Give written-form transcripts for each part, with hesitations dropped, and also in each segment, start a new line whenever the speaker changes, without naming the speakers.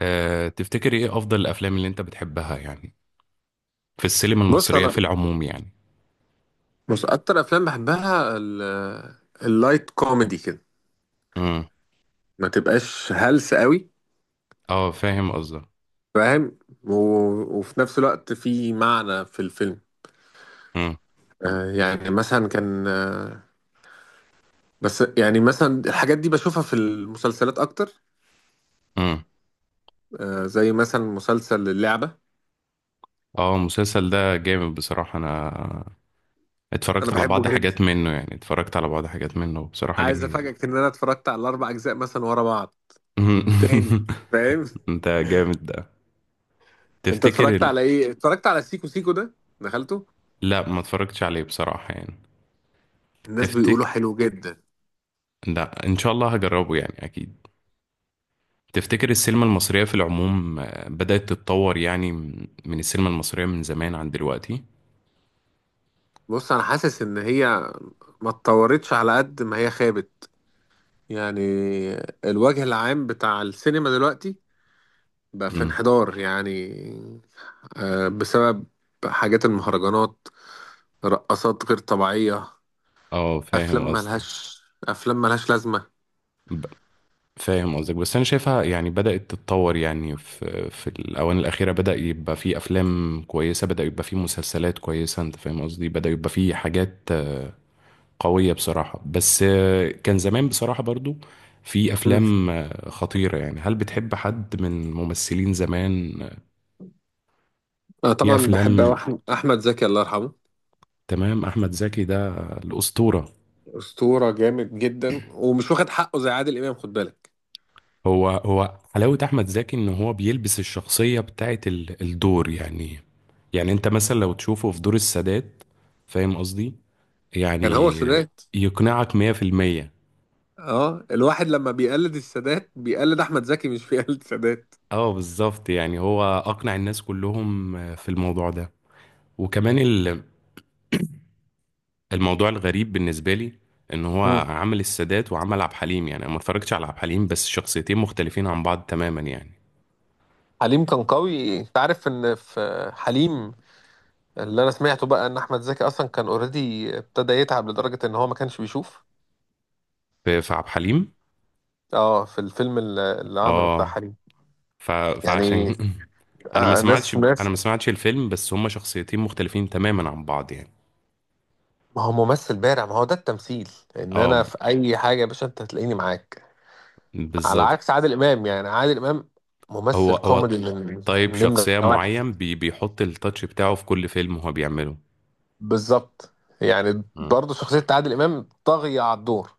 أه، تفتكري ايه افضل الافلام اللي انت بتحبها يعني في السينما
بص
المصرية في
انا.
العموم يعني.
اكتر افلام بحبها اللايت كوميدي كده.
امم.
ما تبقاش هلس قوي.
اه، فاهم قصدك.
فاهم وفي نفس الوقت في معنى في الفيلم.
امم.
يعني مثلا كان بس يعني مثلا الحاجات دي بشوفها في المسلسلات اكتر.
امم.
زي مثلا مسلسل اللعبة،
اه، المسلسل ده جامد بصراحة. انا
انا
اتفرجت على
بحبه
بعض
جدا.
حاجات منه يعني اتفرجت على بعض حاجات منه، بصراحة
عايز
جميل جدا.
افاجئك ان انا اتفرجت على الاربع اجزاء مثلا ورا بعض تاني. فاهم.
انت جامد ده.
انت
تفتكر
اتفرجت على ايه؟ اتفرجت على سيكو سيكو ده؟ دخلته؟
لا، ما اتفرجتش عليه بصراحة يعني.
الناس بيقولوا
تفتكر.
حلو جدا.
لا، ان شاء الله هجربه يعني اكيد. تفتكر السينما المصرية في العموم بدأت تتطور يعني من السينما المصرية من زمان عن دلوقتي؟
بص انا حاسس ان هي ما اتطورتش على قد ما هي خابت. يعني الوجه العام بتاع السينما دلوقتي بقى في
امم.
انحدار يعني. بسبب حاجات المهرجانات، رقصات غير طبيعية،
اه،
افلام
فاهم قصدك.
ملهاش افلام ملهاش لازمة.
ب- فاهم قصدك، بس انا شايفها يعني بدأت تتطور يعني في الاوان الاخيره. بدأ يبقى في افلام كويسه، بدأ يبقى في مسلسلات كويسه. انت فاهم قصدي. بدأ يبقى في حاجات قويه بصراحه. بس كان زمان بصراحه برضو في
مم.
افلام خطيره يعني. هل بتحب حد من ممثلين زمان
انا
في
طبعا بحب
افلام.
أوي احمد زكي، الله يرحمه.
تمام، احمد زكي ده الاسطوره.
اسطورة، جامد جدا ومش واخد حقه زي عادل امام، خد بالك.
هو حلاوة أحمد زكي إن هو بيلبس الشخصية بتاعت الدور يعني. يعني أنت مثلا لو تشوفه في دور السادات. فاهم قصدي
كان هو
يعني.
السادات.
يقنعك 100%.
اه الواحد لما بيقلد السادات بيقلد احمد زكي، مش بيقلد السادات.
اه، بالظبط، يعني هو أقنع الناس كلهم في الموضوع ده. وكمان الموضوع الغريب بالنسبة لي إن هو عمل السادات وعمل عبد الحليم، يعني أنا ما اتفرجتش على عبد الحليم، بس شخصيتين مختلفين عن بعض تماما يعني.
حليم كان قوي، انت عارف ان في حليم؟ اللي انا سمعته بقى ان احمد زكي اصلا كان اوريدي، ابتدى يتعب لدرجة ان هو ما كانش بيشوف.
في عبد الحليم.
اه في الفيلم اللي عمله بتاع
اه،
حليم
ف...
يعني.
فعشان انا ما
آه
سمعتش
ناس
انا
ناس،
ما سمعتش الفيلم، بس هما شخصيتين مختلفين تماما عن بعض يعني.
ما هو ممثل بارع، ما هو ده التمثيل. ان
اه،
انا في اي حاجة يا باشا انت هتلاقيني معاك. على
بالظبط.
عكس عادل امام، يعني عادل امام
هو
ممثل
هو
كوميدي من
طيب،
نمرة
شخصية
واحد.
معين بيحط التاتش بتاعه في كل فيلم هو بيعمله.
بالظبط. يعني
مم.
برضه شخصية عادل امام طاغية على الدور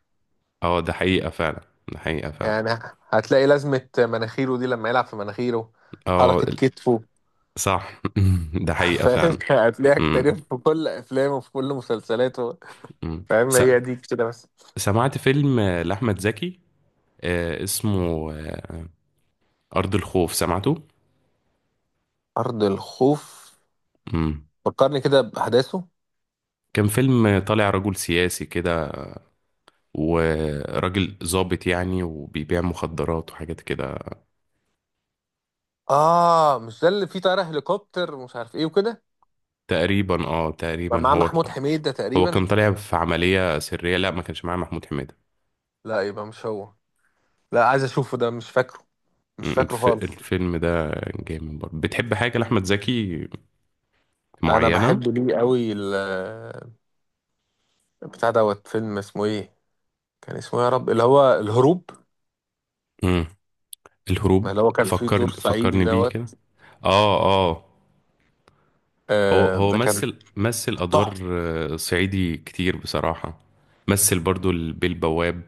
اه، ده حقيقة فعلا. ده حقيقة فعلا.
يعني. هتلاقي لازمة مناخيره دي، لما يلعب في مناخيره،
اه،
حركة كتفه.
صح. ده حقيقة
فاهم،
فعلا.
هتلاقيها كتير
مم.
في كل أفلامه وفي كل مسلسلاته.
مم.
فاهم، هي دي كده بس.
سمعت فيلم لأحمد زكي، اسمه أرض الخوف، سمعته؟
أرض الخوف،
مم.
فكرني كده بأحداثه.
كان فيلم طالع رجل سياسي كده، وراجل ظابط يعني، وبيبيع مخدرات وحاجات كده.
آه مش ده اللي فيه طيارة هليكوبتر ومش عارف إيه وكده؟
تقريبا، اه، تقريبا
مع
هو.
محمود حميدة
هو
تقريبا.
كان طالع في عملية سرية، لا، ما كانش معاه محمود حميدة.
لا يبقى مش هو. لا عايز أشوفه ده، مش فاكره،
مم،
مش فاكره خالص.
الفيلم ده جامد برضه. بتحب حاجة لأحمد زكي
أنا
معينة؟
بحب ليه قوي بتاع دوت، فيلم اسمه إيه؟ كان اسمه إيه يا رب؟ اللي هو الهروب،
مم. الهروب.
اللي هو كان في دور
فكرني
صعيدي
فكرني بيه
دوت.
كده. اه، اه. هو
آه
هو
ده كان
مثل أدوار
تحفة.
صعيدي كتير بصراحة. مثل برضو البيه البواب.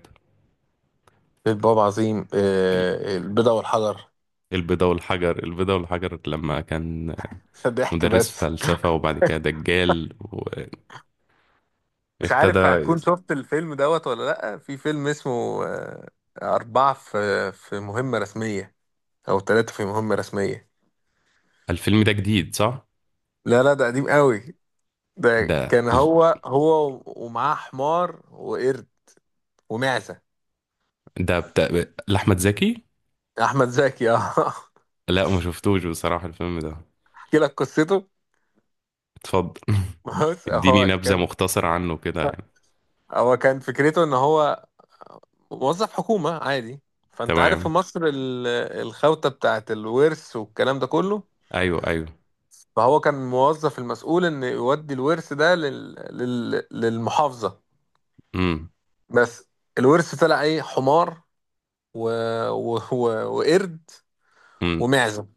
باب عظيم، آه البيضة والحجر.
البيضة والحجر، لما كان
ضحك
مدرس
بس.
فلسفة وبعد كده دجال
مش
وابتدى.
عارف هتكون شفت الفيلم دوت ولا لأ، في فيلم اسمه آه، أربعة في مهمة رسمية، أو ثلاثة في مهمة رسمية.
الفيلم ده جديد، صح؟
لا لا ده قديم قوي. ده
ده
كان هو، هو ومعاه حمار وقرد ومعزة.
ده بتاع لأحمد زكي؟
أحمد زكي اه.
لا، ما شفتوش بصراحة الفيلم ده.
أحكي لك قصته.
اتفضل.
بص
اديني
هو
نبذة
كان،
مختصرة عنه كده يعني.
هو كان فكرته ان هو موظف حكومة عادي. فانت عارف في
تمام.
مصر الخوته بتاعت الورث والكلام ده كله.
ايوه، ايوه.
فهو كان موظف المسؤول ان يودي الورث ده للمحافظة.
امم.
بس الورث طلع ايه، حمار و... و... و... وقرد
امم.
ومعزة.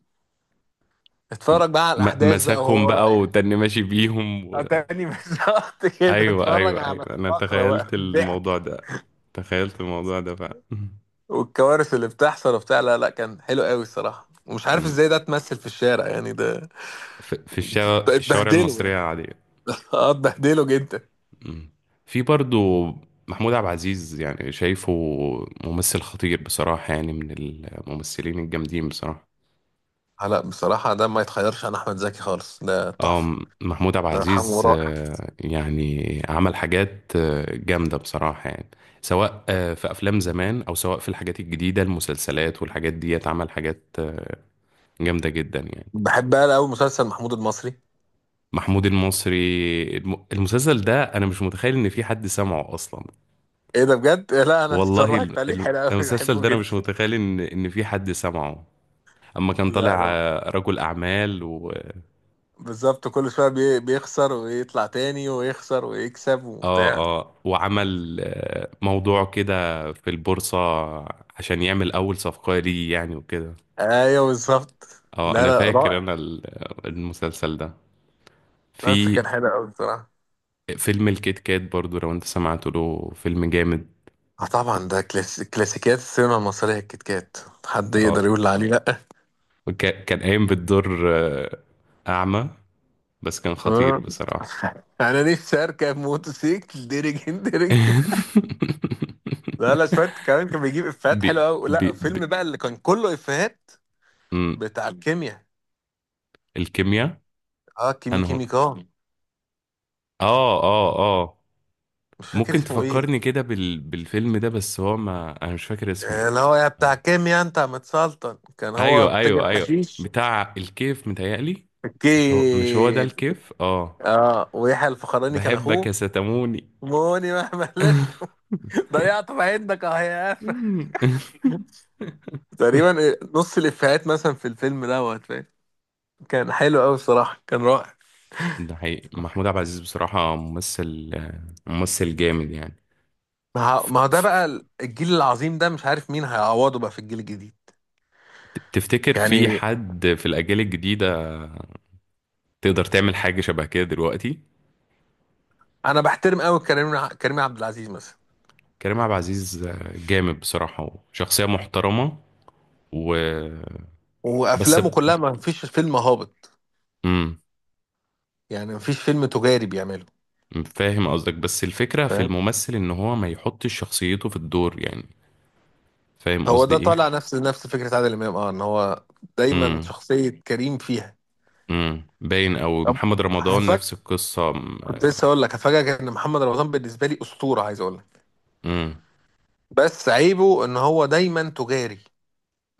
اتفرج بقى على الاحداث بقى
مسكهم
وهو
بقى
رايح.
وتاني ماشي بيهم
آه، تاني. بالظبط كده،
ايوه،
اتفرج
ايوه، ايوه،
على
انا
الفقرة بقى،
تخيلت
الضحك
الموضوع ده. تخيلت الموضوع ده فعلا.
والكوارث اللي بتحصل وبتاع. لا لا كان حلو قوي الصراحة، ومش عارف
أمم.
ازاي ده اتمثل في الشارع يعني ده.
في الشوارع
اتبهدله
المصرية
يعني.
عادية.
اه اتبهدله جدا.
مم. في برضو محمود عبد العزيز يعني، شايفه ممثل خطير بصراحة يعني، من الممثلين الجامدين بصراحة.
آه لا بصراحة ده ما يتخيرش عن أحمد زكي خالص، ده
اه،
تحفة.
محمود عبد
الله يرحمه،
العزيز
رائع.
يعني عمل حاجات جامدة بصراحة يعني. سواء في أفلام زمان، أو سواء في الحاجات الجديدة، المسلسلات والحاجات دي، عمل حاجات جامدة جدا يعني.
بحب بقى أوي مسلسل محمود المصري.
محمود المصري. المسلسل ده أنا مش متخيل إن في حد سمعه أصلا.
ايه ده بجد؟ لا انا
والله،
اتفرجت عليه، حلو قوي،
المسلسل
بحبه
ده أنا مش
جدا.
متخيل إن في حد سمعه. اما كان
لا
طالع
أنا
رجل اعمال و،
بالظبط، كل شوية بيخسر ويطلع تاني، ويخسر ويكسب
اه،
وبتاع.
اه، وعمل موضوع كده في البورصة، عشان يعمل اول صفقة ليه يعني وكده.
ايوه بالظبط.
اه،
لا
انا
لا
فاكر،
رائع.
انا المسلسل ده
بس كان
في
حلو قوي بصراحه.
فيلم الكيت كات برضو، لو انت سمعت له. فيلم جامد.
اه طبعا ده كلاسيكيات السينما المصرية الكيت كات، حد يقدر
اه،
يقول عليه؟
كان قايم بالدور اعمى، بس كان خطير
آه.
بصراحة.
انا نفسي اركب موتوسيكل درجين درجين. لا لا شويه كمان، كان بيجيب افيهات
بي
حلوه قوي،
بي
لا
بي
فيلم بقى اللي كان كله افيهات
مم،
بتاع الكيمياء.
الكيمياء.
اه كيمي
هو،
كيمي كان،
اه، اه، اه.
مش فاكر
ممكن
اسمه ايه.
تفكرني كده بالفيلم ده، بس هو ما انا مش فاكر اسمه.
آه، اللي هو يا بتاع كيمياء انت يا متسلطن، كان هو
ايوه،
بتاجر
ايوه، ايوه،
حشيش.
بتاع الكيف متهيألي. مش هو ده
كيف.
الكيف، اه.
اه ويحيى الفخراني كان
بحبك
اخوه.
يا ستموني.
موني مهما لست. ضيعت عندك اه يا قفا
مم.
تقريبا. نص الافيهات مثلا في الفيلم دوت، فاهم؟ كان حلو قوي بصراحه، كان رائع.
ده حقيقي، محمود عبد العزيز بصراحة ممثل جامد يعني.
ما ما هو ده
ف-
بقى الجيل العظيم، ده مش عارف مين هيعوضه بقى في الجيل الجديد
تفتكر في
يعني.
حد في الأجيال الجديدة تقدر تعمل حاجة شبه كده دلوقتي؟
انا بحترم قوي كريم كريم عبد العزيز مثلا.
كريم عبد العزيز جامد بصراحة. وشخصية محترمة، و بس.
وافلامه كلها ما فيش فيلم هابط،
مم.
يعني ما فيش فيلم تجاري بيعمله.
فاهم قصدك، بس الفكرة في
فاهم.
الممثل ان هو ما يحطش شخصيته في الدور يعني. فاهم
هو
قصدي
ده
ايه؟
طالع نفس فكرة عادل امام، اه ان هو دايما
امم.
شخصية كريم فيها.
باين او
طب
محمد رمضان
هفاجئ،
نفس القصة.
كنت لسه اقول لك هفاجئك ان محمد رمضان بالنسبة لي اسطورة، عايز اقول لك.
امم
بس عيبه ان هو دايما تجاري،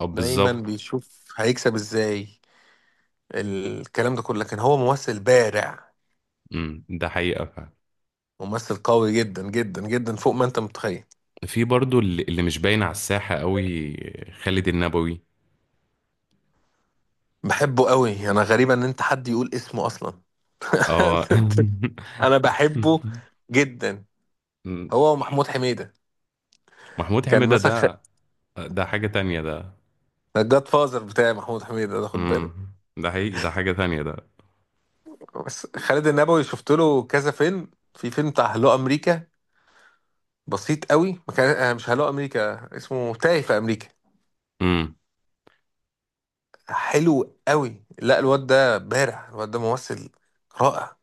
اه،
دايما
بالظبط.
بيشوف هيكسب ازاي، الكلام ده كله، لكن هو ممثل بارع.
ده حقيقة فعلا.
ممثل قوي جدا جدا جدا فوق ما انت متخيل.
في برضو اللي مش باين على الساحة قوي، خالد النبوي.
بحبه قوي، انا غريبة ان انت حد يقول اسمه اصلا.
اه.
انا بحبه جدا.
مم.
هو ومحمود حميدة.
محمود
كان
حميدة
مثلا
ده حاجة تانية ده.
الجاد فازر بتاع محمود حميدة ده، خد بالك.
ده حقيقي، ده حاجة تانية ده.
بس خالد النبوي شفت له كذا فيلم، في فيلم بتاع هلو امريكا، بسيط قوي، ما كان آه، مش هلو امريكا، اسمه تايه في امريكا.
امم
حلو قوي، لا الواد ده بارع، الواد ده ممثل رائع.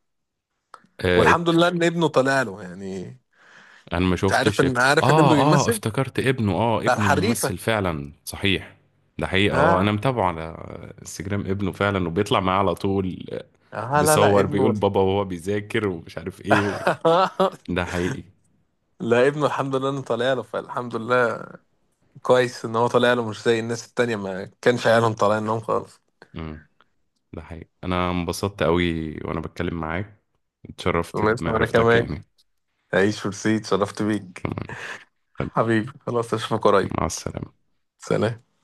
والحمد لله ان ابنه طلع له يعني.
انا ما
انت عارف
شفتش
ان، عارف ان ابنه
اه، اه،
بيمثل؟
افتكرت
بتاع
ابنه
الحريفة.
ممثل فعلا صحيح. ده حقيقة، اه،
ها.
انا متابعه على انستجرام ابنه فعلا، وبيطلع معاه على طول.
اه لا لا
بيصور، بيقول
ابنه.
بابا وهو بيذاكر ومش عارف ايه ده حقيقي.
لا ابنه الحمد لله انه طالع له، فالحمد لله كويس ان هو طالع له، مش زي الناس التانية ما كانش عيالهم طالعين لهم خالص.
امم ده حقيقي، انا انبسطت قوي وانا بتكلم معاك. اتشرفت
الله يسلم، انا
بمعرفتك
كمان.
يعني.
عيش ورسيد، شرفت بيك.
تمام.
حبيبي خلاص اشوفك قريب.
مع السلامة.
سلام.